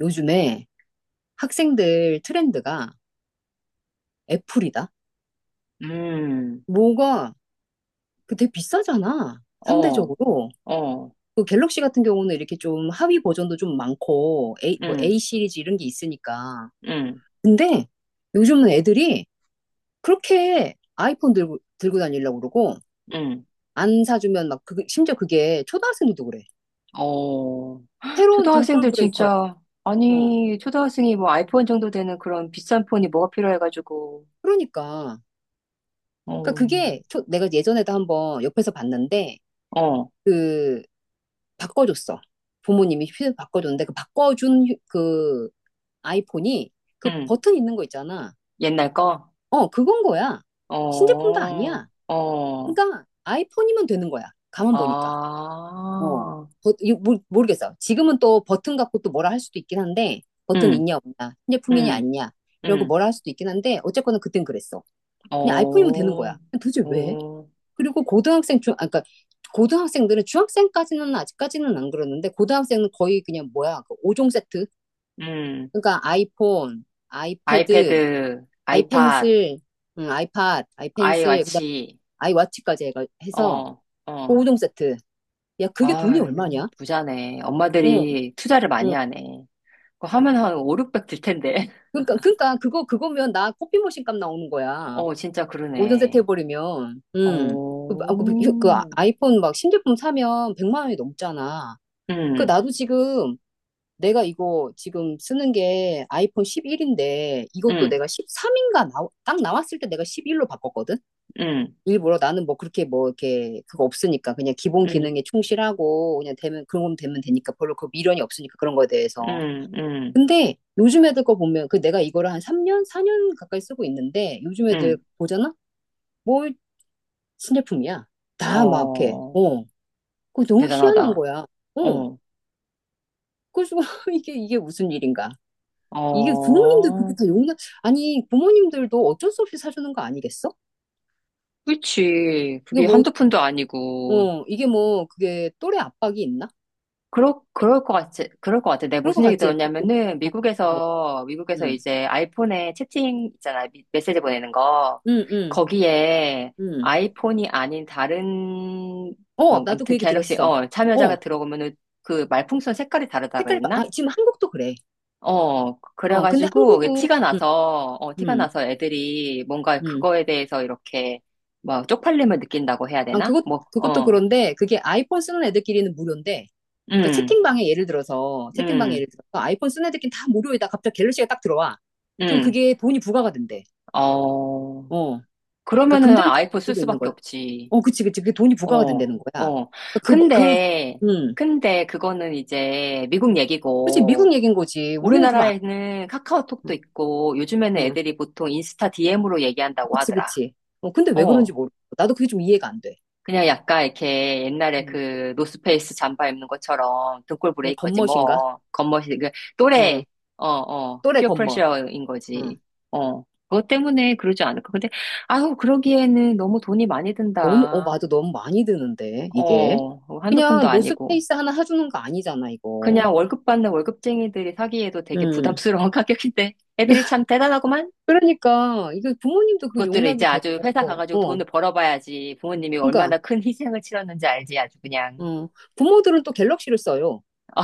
요즘에 학생들 트렌드가 애플이다. 음, 뭐가 되게 비싸잖아. 어, 상대적으로. 어, 그 갤럭시 같은 경우는 이렇게 좀 하위 버전도 좀 많고 A, 응, A 시리즈 이런 게 있으니까. 응, 근데 요즘은 애들이 그렇게 아이폰 들고 다니려고 그러고 응, 안 사주면 막 그, 심지어 그게 초등학생들도 그래. 어. 새로운 등골 초등학생들 브레이커야. 진짜. 어. 아니, 초등학생이 뭐 아이폰 정도 되는 그런 비싼 폰이 뭐가 필요해가지고. 그러니까. 그러니까 어, 그게 초- 내가 예전에도 한번 옆에서 봤는데 어, 그 바꿔줬어. 부모님이 휴대폰 바꿔줬는데 그 바꿔준 휴- 그 아이폰이 그 응, 버튼 있는 거 있잖아. 옛날 거? 어, 그건 거야. 신제품도 어, 아니야. 어, 그러니까 아이폰이면 되는 거야. 가만 보니까. 어. 아, 버- 이거 모르- 모르겠어. 지금은 또 버튼 갖고 또 뭐라 할 수도 있긴 한데 버튼 응, 있냐 없냐, 신제품이냐 응, 아니냐 이러고 응, 뭐라 할 수도 있긴 한데 어쨌거나 그땐 그랬어. 그냥 아이폰이면 어, 되는 거야. 근데 도대체 왜? 어, 그리고 고등학생 중 아까 고등학생들은 중학생까지는 아직까지는 안 그러는데 고등학생은 거의 그냥 뭐야 그 5종 세트. 응, 그러니까 아이폰, 아이패드, 아이패드, 아이팟, 아이펜슬, 아이팟, 아이워 아이펜슬 그다음 치 아이워치까지 해서 어, 그 어. 5종 세트. 야 그게 돈이 아, 얼마냐? 부자네. 어, 엄마들이 투자를 많이 어. 하네. 그거 하면 한 5, 600 들 텐데. 그러니까 그거면 나 커피 머신 값 나오는 거야. 어, 진짜 5종 세트 그러네. 해버리면 어, 그 아이폰 막 신제품 사면 100만 원이 넘잖아. 그 응 나도 지금 내가 이거 지금 쓰는 게 아이폰 11인데 이것도 응 내가 13인가 딱 나왔을 때 내가 11로 바꿨거든? 응 일부러 나는 뭐 그렇게 뭐 이렇게 그거 없으니까 그냥 기본 기능에 응 충실하고 그냥 되면 그런 건 되면 되니까 별로 그 미련이 없으니까 그런 거에 응 대해서. 응 근데 요즘 애들 거 보면 그 내가 이거를 한 3년, 4년 가까이 쓰고 있는데 요즘 응 애들 보잖아? 뭘 신제품이야. 다 막 이렇게. 어, 어. 그거 너무 희한한 대단하다. 거야. 어. 어, 그래서 이게 무슨 일인가? 이게 부모님들 그게 렇 어, 다 용납, 아니, 부모님들도 어쩔 수 없이 사주는 거 아니겠어? 그치. 이게 그게 뭐, 한두 푼도 아니고. 어, 이게 뭐, 그게 또래 압박이 있나? 그럴 것 같지. 그럴 것 같아. 내가 그럴 것 무슨 얘기 같지? 그치? 들었냐면은, 어, 어, 미국에서 음, 이제 아이폰에 채팅 있잖아. 메시지 보내는 거. 음, 음, 거기에 음. 아이폰이 아닌 다른, 어, 뭐, 나도 그 아무튼 얘기 갤럭시, 들었어. 어, 어, 참여자가 들어오면은 그 말풍선 색깔이 다르다 고 했 색깔이, 바- 아, 나 지금 한국도 그래. 어, 어, 근데 그래가지고 게 한국은, 티가 음, 나서, 어, 티가 음, 나서 애들이 뭔가 음. 그거에 대해서 이렇게 뭐 쪽팔림을 느낀다고 해야 아, 되나? 그것, 뭐, 그것도 어, 그런데, 그게 아이폰 쓰는 애들끼리는 무료인데, 그러니까 음, 채팅방에 예를 들어서, 채팅방에 음, 예를 들어서, 아이폰 쓰는 애들끼리 다 무료에다 갑자기 갤럭시가 딱 들어와. 그럼 음, 그게 돈이 부과가 된대. 어. 어. 그러니까 그러면은 금전적인 아이폰 쓸 이유도 있는 수밖에 거야. 없지. 어, 그치, 그치. 그게 돈이 부과가 어, 된다는 거야. 어. 그, 그, 근데, 음. 근데 그거는 이제 미국 그치, 미국 얘기고. 얘긴 거지. 우리는 그거 안, 우리나라에는 카카오톡도 있고, 요즘에는 응, 애들이 보통 인스타 DM으로 얘기한다고 그치, 하더라. 그치. 어, 근데 왜 그런지 어. 모르겠어. 나도 그게 좀 이해가 안 돼. 그냥 약간 이렇게 옛날에 음, 그 노스페이스 잠바 입는 것처럼 등골 얘 브레이커지. 겉멋인가? 뭐, 겉멋이, 그 응, 또래, 어, 어, 또래 피어 겉멋. 프레셔인 응. 거지. 어. 그것 때문에 그러지 않을까. 근데, 아우, 그러기에는 너무 돈이 많이 너무, 어, 든다. 맞아. 너무 많이 드는데, 이게. 어, 뭐 한두 푼도 그냥 아니고. 노스페이스 하나 해주는 거 아니잖아, 이거. 그냥 월급 받는 월급쟁이들이 사기에도 되게 응, 부담스러운 가격인데 애들이 참 대단하구만. 그러니까, 이거 부모님도 그 그것들을 이제 용납이 아주 회사 되고, 가가지고 어, 돈을 벌어봐야지 부모님이 그러니까, 얼마나 큰 희생을 치렀는지 알지. 아주 그냥. 어, 부모들은 또 갤럭시를 써요. 어,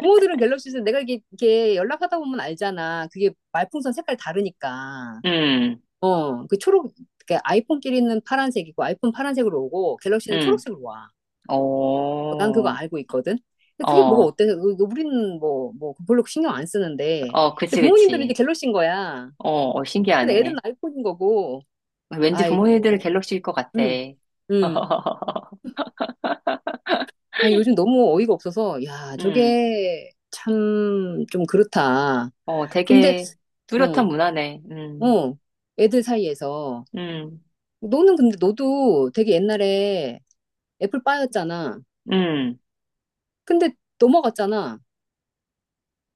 구멍들은 갤럭시에서 내가 이게 연락하다 보면 알잖아. 그게 말풍선 색깔 다르니까. 음, 어, 그 초록, 그 아이폰끼리는 파란색이고, 아이폰 파란색으로 오고, 갤럭시는 음, 초록색으로 와. 어, 난 그거 알고 있거든. 근데 그게 뭐가 어, 어때서, 우리는 뭐, 뭐, 별로 신경 안 쓰는데. 어, 그치, 근데 부모님들은 그치. 이제 갤럭시인 거야. 어, 어, 근데 애들은 신기하네. 아이폰인 거고, 왠지 부모님들 아이고, 갤럭시일 것 같아. 응, 응. 아, 요즘 너무 어이가 없어서, 야, 음, 저게 참 좀 그렇다. 어, 근데, 되게 뚜렷한 어, 문화네. 어, 애들 사이에서. 음, 너는 근데 너도 되게 옛날에 애플파이였잖아. 음. 근데 넘어갔잖아.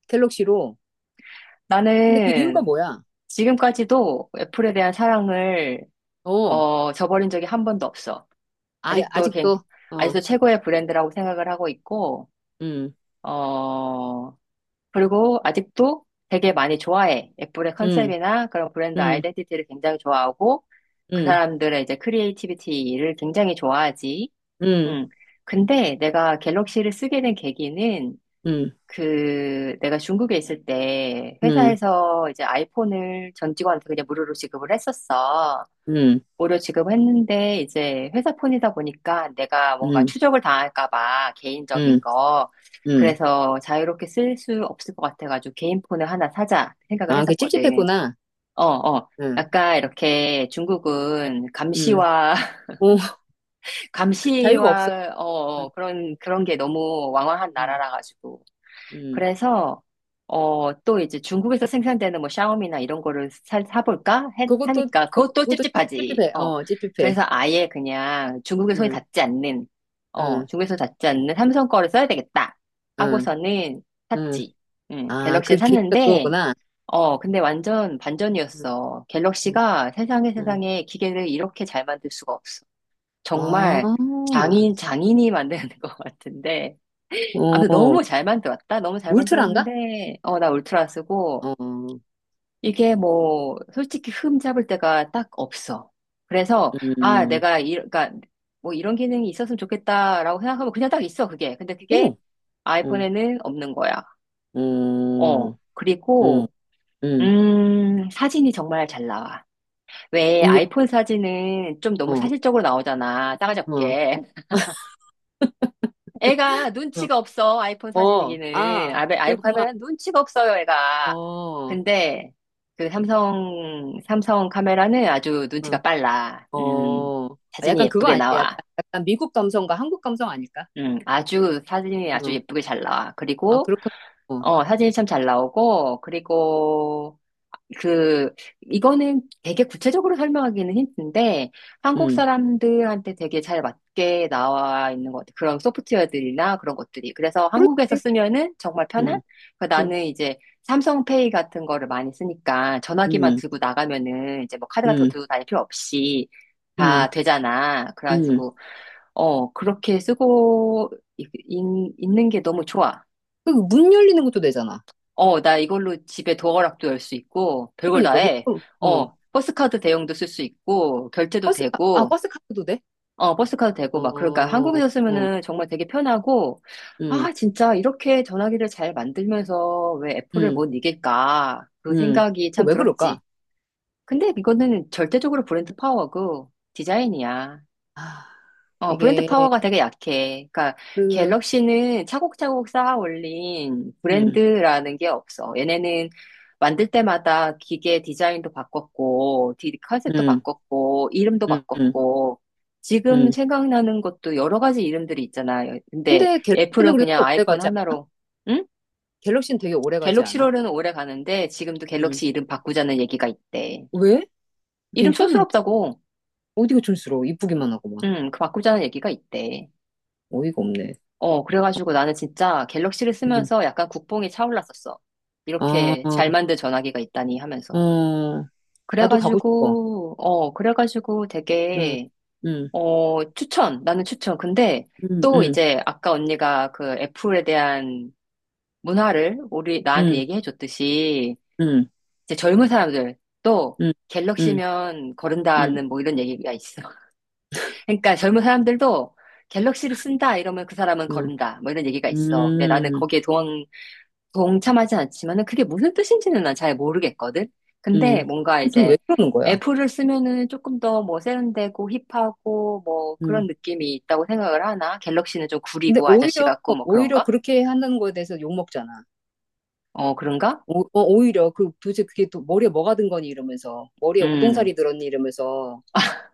갤럭시로. 근데 그 이유가 나는 뭐야? 지금까지도 애플에 대한 사랑을 어, 저버린 적이 한 번도 없어. 아, 아직도 걘- 아직도, 어, 아직도 최고의 브랜드라고 생각을 하고 있고. 음, 어, 그리고 아직도 되게 많이 좋아해. 애플의 음, 컨셉이나 그런 브랜드 음, 아이덴티티를 굉장히 좋아하고 그 음, 사람들의 이제 크리에이티비티를 굉장히 좋아하지. 음, 음. 근데 내가 갤럭시를 쓰게 된 계기는 음, 그 내가 중국에 있을 때 음, 회사에서 이제 아이폰을 전 직원한테 그냥 무료로 지급을 했었어. 음, 무료 지급했는데 이제 회사 폰이다 보니까 내가 뭔가 음, 추적을 당할까 봐 개인적인 음, 거. 음. 그래서 자유롭게 쓸 수 없을 것 같아가지고 개인 폰을 하나 사자 생각을 아, 그게 했었거든. 찝찝했구나. 어, 어. 응, 약간 이렇게 중국은 응. 감시와 어, 자유가 없어. 감시와 어 응, 어, 그런 게 너무 왕왕한 응, 나라라 가지고. 응. 그래서 어, 또 이제 중국에서 생산되는 뭐 샤오미나 이런 거를 사볼까 해- 그것도, 하니까 그것도 그것도 찝찝하지. 찝찝해. 어. 어, 찝찝해. 그래서 아예 그냥 중국의 손이 응, 닿지 않는, 어, 응, 중국에서 닿지 않는 삼성 거를 써야 되겠다 응, 하고서는 응. 샀지. 아, 갤럭시 그 계기가 샀는데, 그거구나. 어, 근데 완전 음, 반전이었어. 음, 갤럭시가 세상에 음. 세상에 기계를 이렇게 잘 만들 수가 없어. 아, 정말 장인이 만드는 것 같은데. 아무튼 어, 너무 잘 만들었다. 너무 잘 울트라인가? 만들었는데, 어, 나 울트라 쓰고. 어, 이게 뭐, 솔직히 흠 잡을 데가 딱 없어. 그래서, 아, 음, 내가, 이, 그러니까, 뭐 이런 기능이 있었으면 좋겠다라고 생각하면 그냥 딱 있어, 그게. 근데 그게 어머, 어, 아이폰에는 없는 거야. 어, 어, 어, 그리고, 음, 사진이 정말 잘 나와. 왜 의외, 아이폰 사진은 좀 너무 어, 사실적으로 나오잖아. 어, 따가잡게. 애가 어, 눈치가 없어. 아이폰 어, 사진이기는. 아, 아이폰 그렇구만, 카메라는 눈치가 없어요, 어, 애가. 어, 근데 그 삼성 카메라는 아주 눈치가 빨라. 어, 아, 사진이 약간 그거 예쁘게 아닐까? 약간, 나와. 약간 미국 감성과 한국 감성 아닐까? 아주 사진이 아주 어, 예쁘게 잘 나와. 아, 그리고 그렇군, 어, 어, 사진이 참 잘 나오고. 그리고 그, 이거는 되게 구체적으로 설명하기는 힘든데, 한국 음, 사람들한테 되게 잘 맞게 나와 있는 것 같아요. 그런 소프트웨어들이나 그런 것들이. 그래서 한국에서 그렇지, 쓰면은 정말 편한? 음, 그 어, 나는 이제 삼성페이 같은 거를 많이 쓰니까 전화기만 음, 들고 나가면은 이제 뭐 카드 같은 거 음, 들고 다닐 필요 없이 다 음, 되잖아. 음, 그래가지고, 어, 그렇게 쓰고 있는 게 너무 좋아. 그문 열리는 것도 되잖아. 어, 나 이걸로 집에 도어락도 열 수 있고, 별걸 다 그러니까, 그치? 해. 어, 어, 버스카드 대용도 쓸 수 있고, 결제도 버스, 카- 아, 되고, 버스 카드도 돼? 어, 버스카드 되고, 막, 그러니까 어, 한국에서 응, 쓰면은 정말 되게 편하고. 응, 아, 진짜 이렇게 전화기를 잘 만들면서 왜 애플을 응, 못 이길까? 그 응. 생각이 참 그거 왜 들었지. 그럴까? 근데 이거는 절대적으로 브랜드 파워고, 디자인이야. 아, 어, 브랜드 이게, 파워가 되게 약해. 그러니까 그, 갤럭시는 차곡차곡 쌓아 올린 응, 브랜드라는 게 없어. 얘네는 만들 때마다 기계 디자인도 바꿨고, 컨셉도 응, 바꿨고, 이름도 응, 응, 바꿨고. 지금 응. 생각나는 것도 여러 가지 이름들이 있잖아. 근데 근데 갤럭시는 애플은 그렇게 그냥 오래 아이폰 가지 않아? 하나로. 응? 갤럭시는 되게 오래 가지 않아? 갤럭시로는 오래 가는데 지금도 응. 갤럭시 이름 바꾸자는 얘기가 있대. 왜? 이름 괜찮은데? 촌스럽다고. 어디가 촌스러워? 이쁘기만 하고 막. 응, 그 바꾸자는 얘기가 있대. 어이가 없네. 어, 그래가지고 나는 진짜 갤럭시를 응. 쓰면서 약간 국뽕이 차올랐었어. 아, 이렇게 잘 만든 전화기가 있다니 하면서. 어, 나도 가고 싶어. 그래가지고, 어, 그래가지고 응, 되게. 응, 어, 추천. 나는 추천. 근데 응, 또 응, 이제 아까 언니가 그 애플에 대한 문화를 나한테 응, 얘기해 줬듯이 응, 이제 젊은 사람들 또 응, 응, 갤럭시면 응, 거른다는 뭐 이런 얘기가 있어. 그러니까 젊은 사람들도 갤럭시를 쓴다 이러면 그 사람은 거른다 뭐 이런 얘기가 응, 있어. 근데 나는 응. 거기에 동참하진 않지만은 그게 무슨 뜻인지는 난 잘 모르겠거든. 근데 음. 뭔가 도대체 이제 왜 그러는 거야? 애플을 쓰면은 조금 더 뭐 세련되고 힙하고 뭐 그런 음. 느낌이 있다고 생각을 하나? 갤럭시는 좀 근데 구리고 아저씨 오히려, 같고 뭐 오히려 그런가? 그렇게 하는 거에 대해서 욕먹잖아. 어, 그런가? 오, 어, 오히려 그 도대체 그게 또 머리에 뭐가 든 거니 이러면서 머리에 음, 우동살이 들었니 이러면서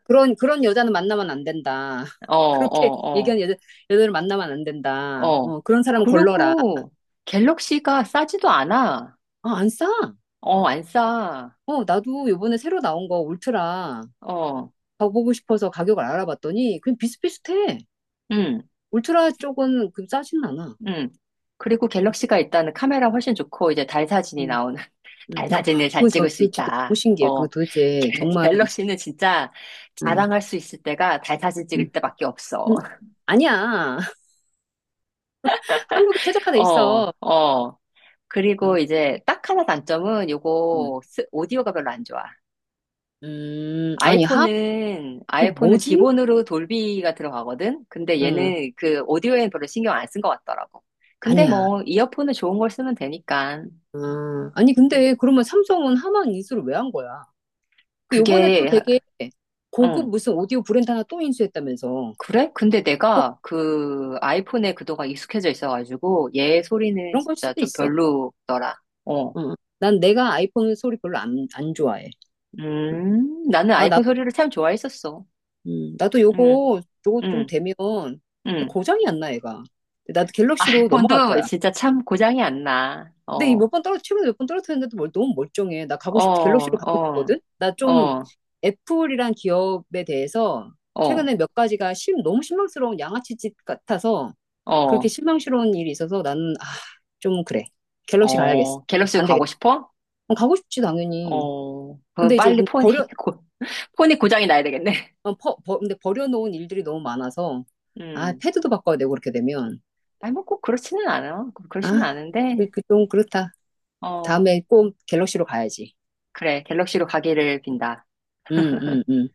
그런 여자는 만나면 안 된다. 어, 그렇게 어, 얘기하는 여자 여자를 만나면 안 어, 된다. 어. 어, 그런 사람은 걸러라. 그리고 갤럭시가 싸지도 않아. 아, 안 싸. 어, 안 싸. 어, 나도 요번에 새로 나온 거 울트라 어, 가보고 싶어서 가격을 알아봤더니 그냥 비슷비슷해. 음, 울트라 쪽은 그 싸진 않아. 음. 그리고 갤럭시가 일단은 카메라 훨씬 좋고 이제 달 사진이 음, 나오는 음. 잘 사진을 잘 그건 저, 찍을 수 그 진짜 너무 있다. 신기해. 어, 그거 도대체 정말, 갤럭시는 진짜 응, 자랑할 수 있을 때가 달 사진 응, 찍을 때밖에 없어. 응. 아니야. 한국에 최적화돼 어, 있어. 어. 응, 그리고 이제 딱 하나 단점은 응. 요거 오디오가 별로 안 좋아. 아니, 하, 그 아이폰은 뭐지? 기본으로 돌비가 들어가거든? 근데 응, 얘는 그 오디오에는 별로 신경 안 쓴 것 같더라고. 근데 아니야. 뭐, 이어폰은 좋은 걸 쓰면 되니까. 아, 아니, 근데 그러면 삼성은 하만 인수를 왜 한 거야? 그 요번에 또 그게, 되게 고급 응. 무슨 오디오 브랜드 하나 또 인수했다면서. 그래? 근데 내가 그 아이폰에 그동안 익숙해져 있어가지고 얘 소리는 그런 걸 진짜 수도 좀 있어. 별로더라. 어. 응. 난 내가 아이폰 소리 별로 안, 안 좋아해. 응. 나는 아, 아이폰 소리를 참 좋아했었어. 나도 음, 요거, 요거 좀 음, 되면 음. 고장이 안 나, 얘가. 근데 나도 갤럭시로 넘어갈 아이폰도 거야. 진짜 참 고장이 안 나. 근데 이 어, 몇 번 떨어, 최근에 몇 번 떨어뜨렸는데도 멀- 너무 멀쩡해. 나 어, 가고 싶, 갤럭시로 가고 어, 싶거든? 나 좀 어, 애플이란 기업에 대해서 어, 최근에 몇 가지가 심, 너무 실망스러운 양아치짓 같아서 그렇게 어, 실망스러운 일이 있어서 나는, 아, 좀 그래. 갤럭시 가야겠어. 어. 갤럭시로 안 되겠다. 가고 싶어? 그럼 가고 싶지, 당연히. 어, 그럼 근데 이제 빨리 이건 버려, 고, 폰이 고장이 나야 되겠네. 어, 퍼- 버- 근데 버려놓은 일들이 너무 많아서, 아, 음. 패드도 바꿔야 되고, 그렇게 되면. 아니, 뭐 꼭 그렇지는 않아. 그렇지는 아, 그, 않은데. 그, 좀 그렇다. 어, 다음에 꼭 갤럭시로 가야지. 그래, 갤럭시로 가기를 빈다. 응, 응, 응.